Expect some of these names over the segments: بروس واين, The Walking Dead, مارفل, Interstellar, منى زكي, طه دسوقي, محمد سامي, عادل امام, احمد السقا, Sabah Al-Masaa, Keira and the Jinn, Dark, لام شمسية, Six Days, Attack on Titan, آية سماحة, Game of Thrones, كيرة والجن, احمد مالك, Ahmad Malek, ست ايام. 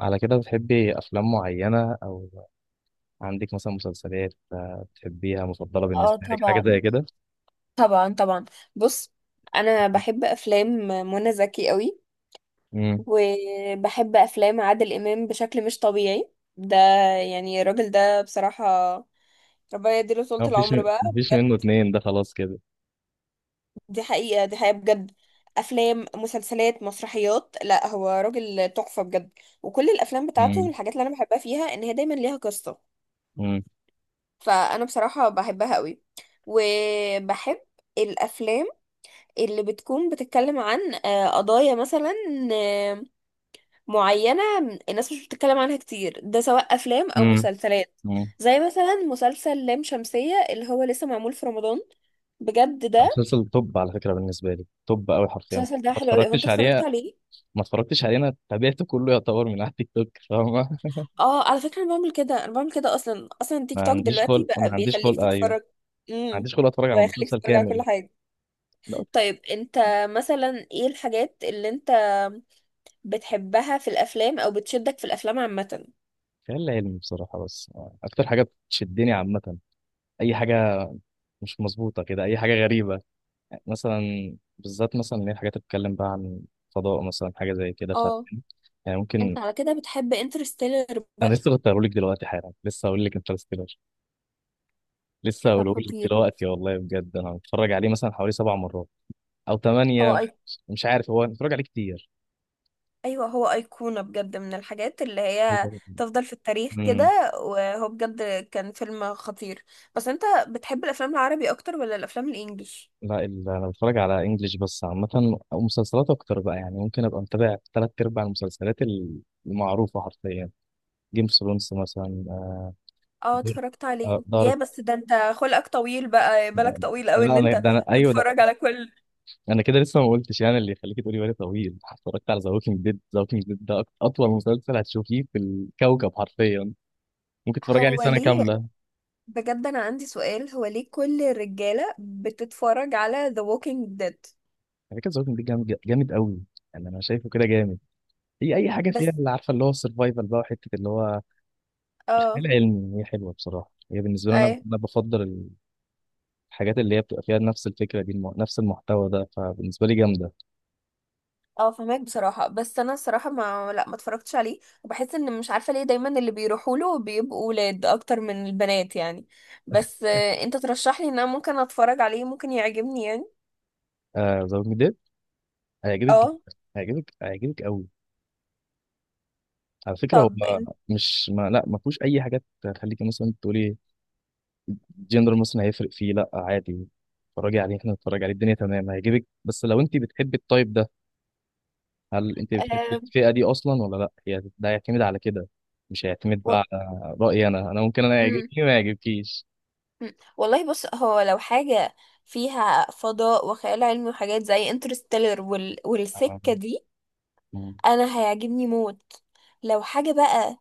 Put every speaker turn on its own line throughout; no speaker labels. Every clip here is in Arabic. على كده بتحبي أفلام معينة أو عندك مثلا مسلسلات بتحبيها مفضلة
اه،
بالنسبة لك حاجة زي
طبعا
كده؟
طبعا طبعا. بص، انا بحب افلام منى زكي قوي،
امم.
وبحب افلام عادل امام بشكل مش طبيعي. ده يعني الراجل ده بصراحة ربنا يديله طولة
هو مفيش
العمر بقى.
مفيش
بجد،
منه اتنين، ده خلاص كده.
دي حقيقة دي حقيقة بجد. افلام مسلسلات مسرحيات، لا هو راجل تحفة بجد. وكل الافلام بتاعته
امم،
الحاجات اللي انا بحبها فيها ان هي دايما ليها قصة.
امم،
فانا بصراحة بحبها قوي، وبحب الافلام اللي بتكون بتتكلم عن قضايا مثلا آه، معينة، الناس مش بتتكلم عنها كتير، ده سواء أفلام أو
امم،
مسلسلات.
امم.
زي مثلا مسلسل لام شمسية اللي هو لسه معمول في رمضان. بجد ده
مسلسل توب على فكرة، بالنسبة لي توب أوي حرفيا.
المسلسل ده حلو قوي. هو انت
اتفرجتش
اتفرجت
عليه
عليه؟
ما اتفرجتش عليه. أنا تابعته كله يعتبر من على التيك توك، فاهمة؟
اه، على فكرة انا بعمل كده، انا بعمل كده اصلا اصلا. تيك
ما
توك
عنديش
دلوقتي
خلق ما
بقى
عنديش
بيخليك
خلق أيوه، ما
تتفرج، امم
عنديش خلق أتفرج على
ويخليك
مسلسل
تتفرج على كل
كامل.
حاجة.
لا.
طيب انت مثلا ايه الحاجات اللي انت بتحبها في الافلام او بتشدك في الافلام عامة؟
خيال علمي بصراحة، بس أكتر حاجة بتشدني عامة، أي حاجة مش مظبوطة كده، أي حاجة غريبة مثلا، بالذات مثلا اللي هي الحاجات اللي بتتكلم بقى عن فضاء مثلا، حاجه زي كده، ف
اه،
يعني ممكن.
انت على كده بتحب انترستيلر
انا
بقى؟
لسه كنت هقوله لك دلوقتي حالا، لسه هقول لك انترستيلر، لسه
ده
هقوله لك
خطير.
دلوقتي والله. بجد انا متفرج عليه مثلا حوالي 7 مرات او 8.
هو أي...
مش عارف، هو أنا متفرج عليه كتير،
ايوه، هو ايقونه بجد، من الحاجات اللي
هو.
هي تفضل في التاريخ
امم.
كده، وهو بجد كان فيلم خطير. بس انت بتحب الافلام العربي اكتر ولا الافلام الانجليش؟
لا، انا بتفرج على انجليش بس عامه، او مسلسلات اكتر بقى، يعني ممكن ابقى متابع ثلاث ارباع المسلسلات المعروفه حرفيا. جيم اوف ثرونز مثلا.
اه، اتفرجت عليه يا،
دارك.
بس ده انت خلقك طويل بقى، بالك
لا،
طويل قوي ان
انا
انت
ده انا، ايوه، ده.
تتفرج على كل.
انا كده لسه ما قلتش، يعني اللي يخليك تقولي بالي طويل، اتفرجت على ذا ووكينج ديد. ذا ووكينج ديد ده اطول مسلسل هتشوفيه في الكوكب حرفيا. ممكن تتفرجي عليه
هو
سنه
ليه
كامله.
بجد انا عندي سؤال، هو ليه كل الرجاله بتتفرج على The Walking Dead؟
على فكره، ذا ووكينج ديد جامد جامد قوي. يعني انا شايفه كده جامد. هي اي حاجه فيها
بس،
اللي عارفه، اللي هو السرفايفل بقى، وحته اللي هو
اه،
خيال علمي، هي حلوه بصراحه. هي بالنسبه لي، انا
اي،
انا بفضل الحاجات اللي هي بتبقى فيها نفس الفكره دي، نفس المحتوى ده، فبالنسبه لي جامده.
اه، فهمك بصراحة، بس انا الصراحة ما لا ما اتفرجتش عليه، وبحس ان مش عارفة ليه دايما اللي بيروحوا له بيبقوا ولاد اكتر من البنات يعني. بس انت ترشح لي ان انا ممكن اتفرج عليه، ممكن يعجبني يعني.
ذا ووكينج ديد هيعجبك جدا.
اه.
هيعجبك قوي على فكره هو.
طب انت
مش، ما، لا، ما فيهوش اي حاجات تخليكي مثلا تقولي جندر مثلا هيفرق فيه، لا عادي. اتفرجي عليه، احنا نتفرج عليه، الدنيا تمام، هيعجبك بس لو انت بتحبي التايب ده. هل انت بتحبي
آه
الفئة دي اصلا ولا لا؟ هي ده هيعتمد على كده. مش هيعتمد
و...
بقى على رأيي، انا ممكن انا يعجبني
مم.
ما يعجبكيش.
والله بص، هو لو حاجة فيها فضاء وخيال علمي وحاجات زي انترستيلر والسكة
أم-
دي،
أم.
انا هيعجبني موت. لو حاجة بقى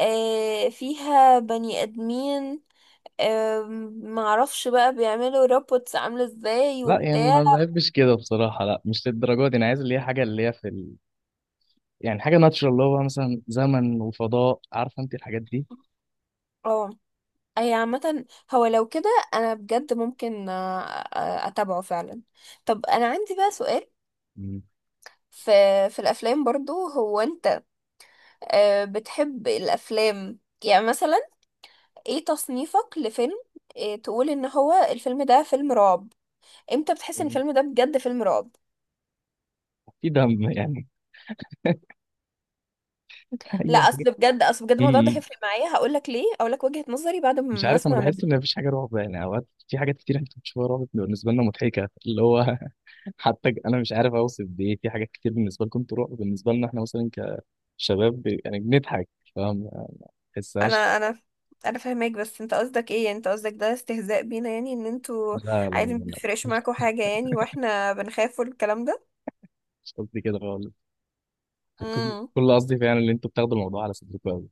فيها بني ادمين، معرفش بقى بيعملوا روبوتس عاملة ازاي
لا يعني
وبتاع.
ما بحبش كده بصراحة، لا مش للدرجة دي. انا عايز اللي هي حاجة اللي هي يعني حاجة ناتشرال اللي هو مثلا زمن وفضاء، عارفة انت الحاجات دي.
اه، هي عامة. هو لو كده انا بجد ممكن اتابعه فعلا. طب انا عندي بقى سؤال.
مم.
في في الافلام برضو، هو انت بتحب الافلام يعني مثلا، ايه تصنيفك لفيلم تقول ان هو الفيلم ده فيلم رعب؟ امتى بتحس ان الفيلم ده بجد فيلم رعب؟
في دم يعني. اي
لا،
حاجة
اصل بجد، اصل بجد الموضوع ده هيفرق معايا. هقولك ليه، هقولك وجهة نظري بعد
مش
ما
عارف. انا
اسمع
بحس
منك.
ان مفيش حاجه رعب، يعني اوقات في حاجات كتير احنا بنشوفها رعب بتبقى بالنسبه لنا مضحكه اللي هو. حتى انا مش عارف اوصف بايه، في حاجات كتير بالنسبه لكم انتوا رعب، بالنسبه لنا احنا مثلا كشباب يعني بنضحك، فاهم؟ ما بحسهاش.
انا انا انا فاهمك، بس انت قصدك ايه؟ يعني انت قصدك ده استهزاء بينا، يعني ان انتوا
لا، لا،
عادي ما
لا، لا.
بيفرقش
مش
معاكوا حاجة يعني، واحنا بنخاف والكلام ده؟
مش قصدي كده خالص. كل
امم
كل قصدي فعلا ان انتوا بتاخدوا الموضوع على صدركم قوي.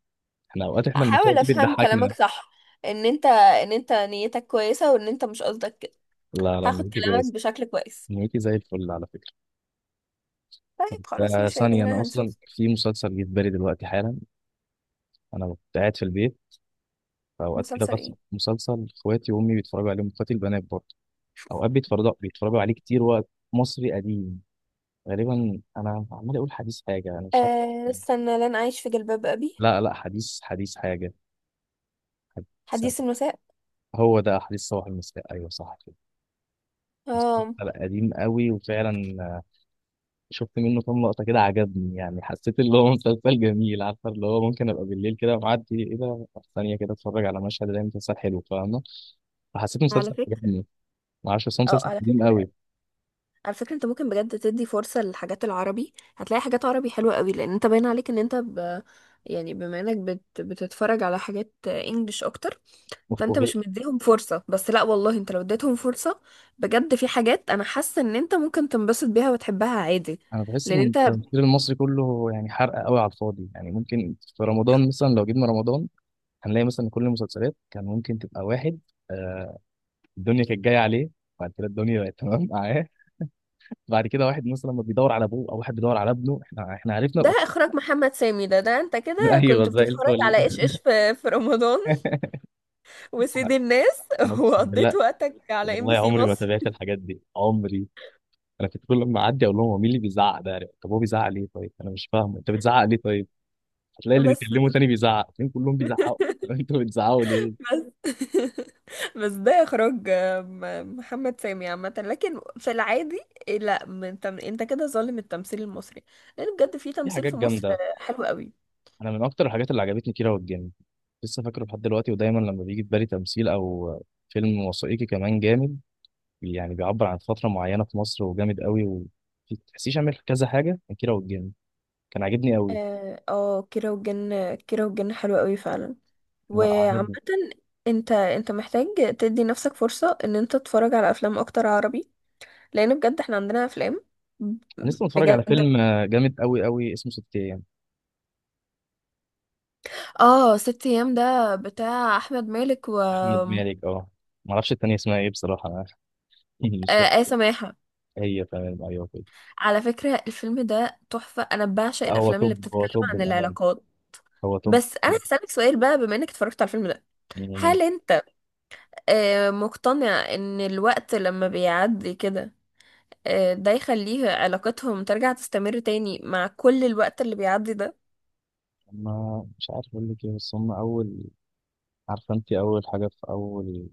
احنا اوقات، احنا المشاهد
هحاول
دي
افهم كلامك
بتضحكنا.
صح، ان انت نيتك كويسة، وان انت مش قصدك كده.
لا، لا،
هاخد
نيتي
كلامك
كويسه.
بشكل كويس.
نيتي زي الفل على فكره. طب
طيب خلاص، مش
ثانيه، انا
يدينا
اصلا
هنشوف.
في مسلسل جه في بالي دلوقتي حالا. انا كنت قاعد في البيت فأوقات كده،
مسلسل
بس
ايه؟
مسلسل إخواتي وأمي بيتفرجوا عليه، إخواتي البنات برضه. أوقات بيتفرجوا عليه كتير، وقت مصري قديم غالبا. أنا عمال أقول حديث حاجة، أنا مش
أه
فاكر.
استنى، لن اعيش في جلباب ابي.
لا، لا، حديث، حديث حاجة. حديث
حديث
سنة.
المساء.
هو ده حديث صباح المساء، أيوه صح كده. مسلسل
اه،
قديم قوي، وفعلا شفت منه كام لقطة كده، عجبني يعني. حسيت اللي هو مسلسل جميل، عارفة اللي هو ممكن أبقى بالليل كده معدي، إيه ده؟ ثانية كده أتفرج على مشهد، ده مسلسل حلو فاهمة. فحسيت
على
مسلسل
فكرة
عجبني. معرفش، بس هو
اه
مسلسل
على
قديم
فكرة
قوي.
على فكرة انت ممكن بجد تدي فرصة للحاجات العربي، هتلاقي حاجات عربي حلوة قوي، لان انت باين عليك ان انت يعني بما انك بتتفرج على حاجات انجليش اكتر، فانت
وغ-
مش مديهم فرصة. بس لا والله، انت لو اديتهم فرصة، بجد في حاجات انا حاسة ان انت ممكن تنبسط بيها وتحبها عادي.
انا بحس
لان
ان
انت
التمثيل المصري كله يعني حرق قوي على الفاضي. يعني ممكن في رمضان مثلا، لو جبنا رمضان هنلاقي مثلا كل المسلسلات كان ممكن تبقى واحد، آه، الدنيا كانت جايه عليه، بعد كده الدنيا بقت تمام معاه، بعد كده واحد مثلا ما بيدور على ابوه او واحد بيدور على ابنه، احنا عرفنا
ده
الافكار.
اخراج محمد سامي. ده انت كده
ايوه
كنت
زي
بتتفرج
الفل.
على ايش ايش في رمضان؟ وسيد
انا
الناس
أنا اقسم
وقضيت
بالله.
وقتك على ام بي
والله
سي
عمري ما
مصر.
تابعت الحاجات دي عمري. انا كنت كل ما اعدي اقول لهم هو مين اللي بيزعق ده؟ طب هو بيزعق ليه؟ طيب انا مش فاهمه، انت بتزعق ليه؟ طيب هتلاقي اللي
بس
بيكلمه تاني بيزعق فين؟ كلهم بيزعقوا. طب انتوا بتزعقوا ليه؟
بس بس ده اخراج محمد سامي عامه، لكن في العادي إيه، لا. من انت كده ظالم التمثيل المصري، لان بجد في
في
تمثيل
حاجات
في مصر
جامده.
حلو قوي.
انا من اكتر الحاجات اللي عجبتني كيرة والجن، لسه فاكره لحد دلوقتي. ودايما لما بيجي في بالي تمثيل او فيلم وثائقي كمان جامد، يعني بيعبر عن فتره معينه في مصر وجامد قوي، وما تحسيش عامل كذا حاجه. كان كيرة والجن كان عاجبني قوي.
اه، كيرة والجن، كيرة والجن حلو قوي فعلا.
لا،
وعامه
عجبني.
انت محتاج تدي نفسك فرصه ان انت تتفرج على افلام اكتر عربي، لان بجد احنا عندنا افلام.
انا لسه متفرج على
بجد،
فيلم جامد قوي قوي اسمه ست ايام.
اه، ست ايام ده بتاع احمد مالك و
احمد
آه
مالك، اه. ما اعرفش التانية اسمها ايه بصراحه انا، مش
آية
فاكر.
سماحة.
هي تمام، ايوه كده.
على فكرة الفيلم ده تحفة، أنا بعشق
هو
الأفلام اللي
توب، هو
بتتكلم
توب
عن
بامان،
العلاقات.
هو توب.
بس أنا هسألك سؤال بقى، بما إنك اتفرجت على الفيلم ده،
يعني
هل أنت مقتنع إن الوقت لما بيعدي كده ده يخليه علاقتهم ترجع تستمر تاني مع كل الوقت اللي بيعدي ده؟
ما مش عارف اقول لك ايه، بس هم اول، عارفه انت، اول حاجه في اول،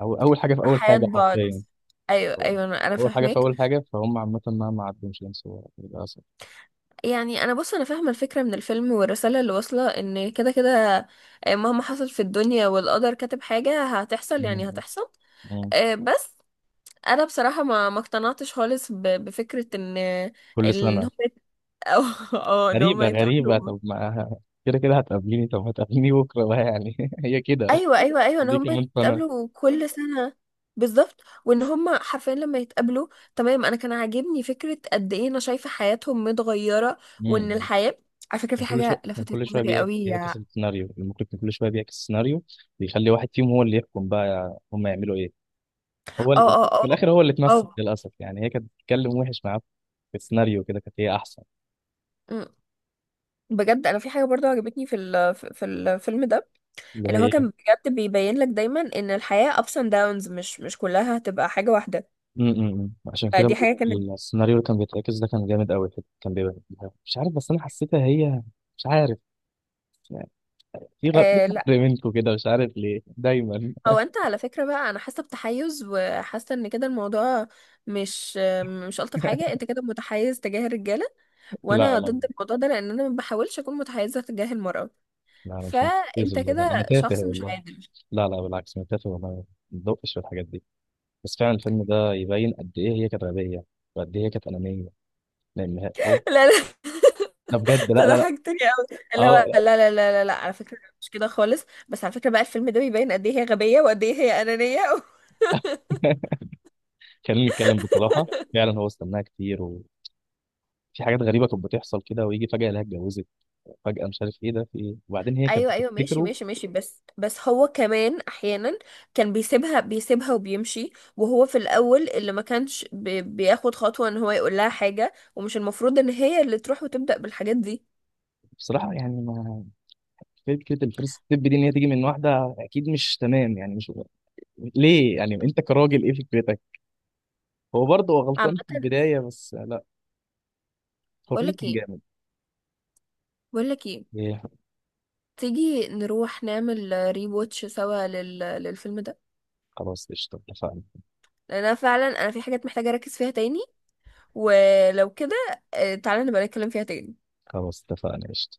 أو اول حاجه في
في
اول
حياة
حاجه
بعض،
حرفيا.
أيوة
ف-
أيوة، أنا
اول حاجه في
فاهماك.
اول حاجه فهم عامه، مهما عدوا مش هينسوا للاسف.
يعني أنا بص، أنا فاهمة الفكرة من الفيلم والرسالة اللي واصلة، إن كده كده مهما حصل في الدنيا والقدر كاتب حاجة هتحصل، يعني
مم.
هتحصل.
مم.
بس انا بصراحه ما اقتنعتش خالص بفكره
كل
ان هم
سنه.
يت- أو... اه ان هم
غريبه غريبه،
يتقابلوا.
طب ما كده كده هتقابليني، طب هتقابليني بكره بقى يعني. هي كده.
ايوه ايوه ايوه، ان
دي
هم
كمان سنه.
يتقابلوا كل سنه. بالظبط، وان هم حرفيا لما يتقابلوا تمام، انا كان عاجبني فكره قد ايه انا شايفه حياتهم متغيره.
مم.
وان الحياه، على فكره
كان
في
كل شويه
حاجه
كان
لفتت
كل شويه
نظري قوي.
بيعكس
اه،
السيناريو، المخرج كان كل شويه بيعكس السيناريو. بيخلي واحد فيهم هو اللي يحكم بقى، هم يعملوا ايه؟ هو
اه،
في
اه،
الاخر هو اللي اتمسك
اه.
للاسف، يعني هي كانت بتتكلم وحش معاه. في السيناريو كده كانت هي احسن.
أمم. بجد، انا في حاجه برضو عجبتني في الفيلم ده،
اللي
ان هو
هي
كان بجد بيبين لك دايما ان الحياه ups and downs، مش كلها هتبقى حاجه واحده.
م- م- م. عشان كده
فدي
بقول
حاجة كانت.
لك، السيناريو اللي كان بيتعكس ده كان جامد قوي. كان بيبقى مش عارف، بس انا حسيتها هي. مش عارف، يعني في
آه لا،
غدر منكم كده، مش عارف ليه دايما.
هو انت على فكرة بقى انا حاسة بتحيز، وحاسة ان كده الموضوع مش الطف حاجة. انت كده متحيز تجاه الرجالة،
لا،
وانا
لا،
ضد
لا،
الموضوع ده، لان انا ما بحاولش اكون متحيزة تجاه المرأة،
لا، مش مركز
فانت
والله، ده انا
كده
تافه
شخص مش
والله.
عادل
لا، لا، بالعكس، انا تافه والله، ما بدقش في الحاجات دي. بس فعلا الفيلم ده يبين قد ايه هي كانت غبيه، وقد ايه هي كانت انانيه، لان هو
لا لا،
ده بجد.
انت
لا، لا، لا.
ضحكتني قوي اللي
اه
هو لا لا لا لا لا. على فكرة مش كده خالص، بس على فكرة بقى الفيلم ده بيبين قد ايه هي غبية وقد ايه هي أنانية
خلينا نتكلم بصراحه، فعلا هو استناها كتير، وفي حاجات غريبه كانت بتحصل كده، ويجي فجاه يلاقيها اتجوزت فجأة، مش عارف ايه ده، في ايه؟ وبعدين هي كانت
ايوه ايوه، ماشي
بتفتكره.
ماشي ماشي. بس هو كمان احيانا كان بيسيبها، بيسيبها وبيمشي. وهو في الاول اللي ما كانش بياخد خطوه ان هو يقول لها حاجه، ومش المفروض ان هي اللي تروح وتبدا بالحاجات دي.
بصراحة يعني ما، فكرة الفيرست ستيب دي ان هي تيجي من واحدة اكيد مش تمام، يعني مش ليه. يعني انت كراجل ايه فكرتك؟ هو برضه هو
عامه،
غلطان في البداية، بس لا. هو
بقول
فيلم
لك
كان
ايه،
جامد.
بقول لك ايه،
ايه؟
تيجي نروح نعمل ري واتش سوا للفيلم ده،
خلاص قشطة، اتفقنا.
لان انا فعلا انا في حاجات محتاجه اركز فيها تاني، ولو كده تعالى نبقى نتكلم فيها تاني.
خلاص اتفقنا قشطة.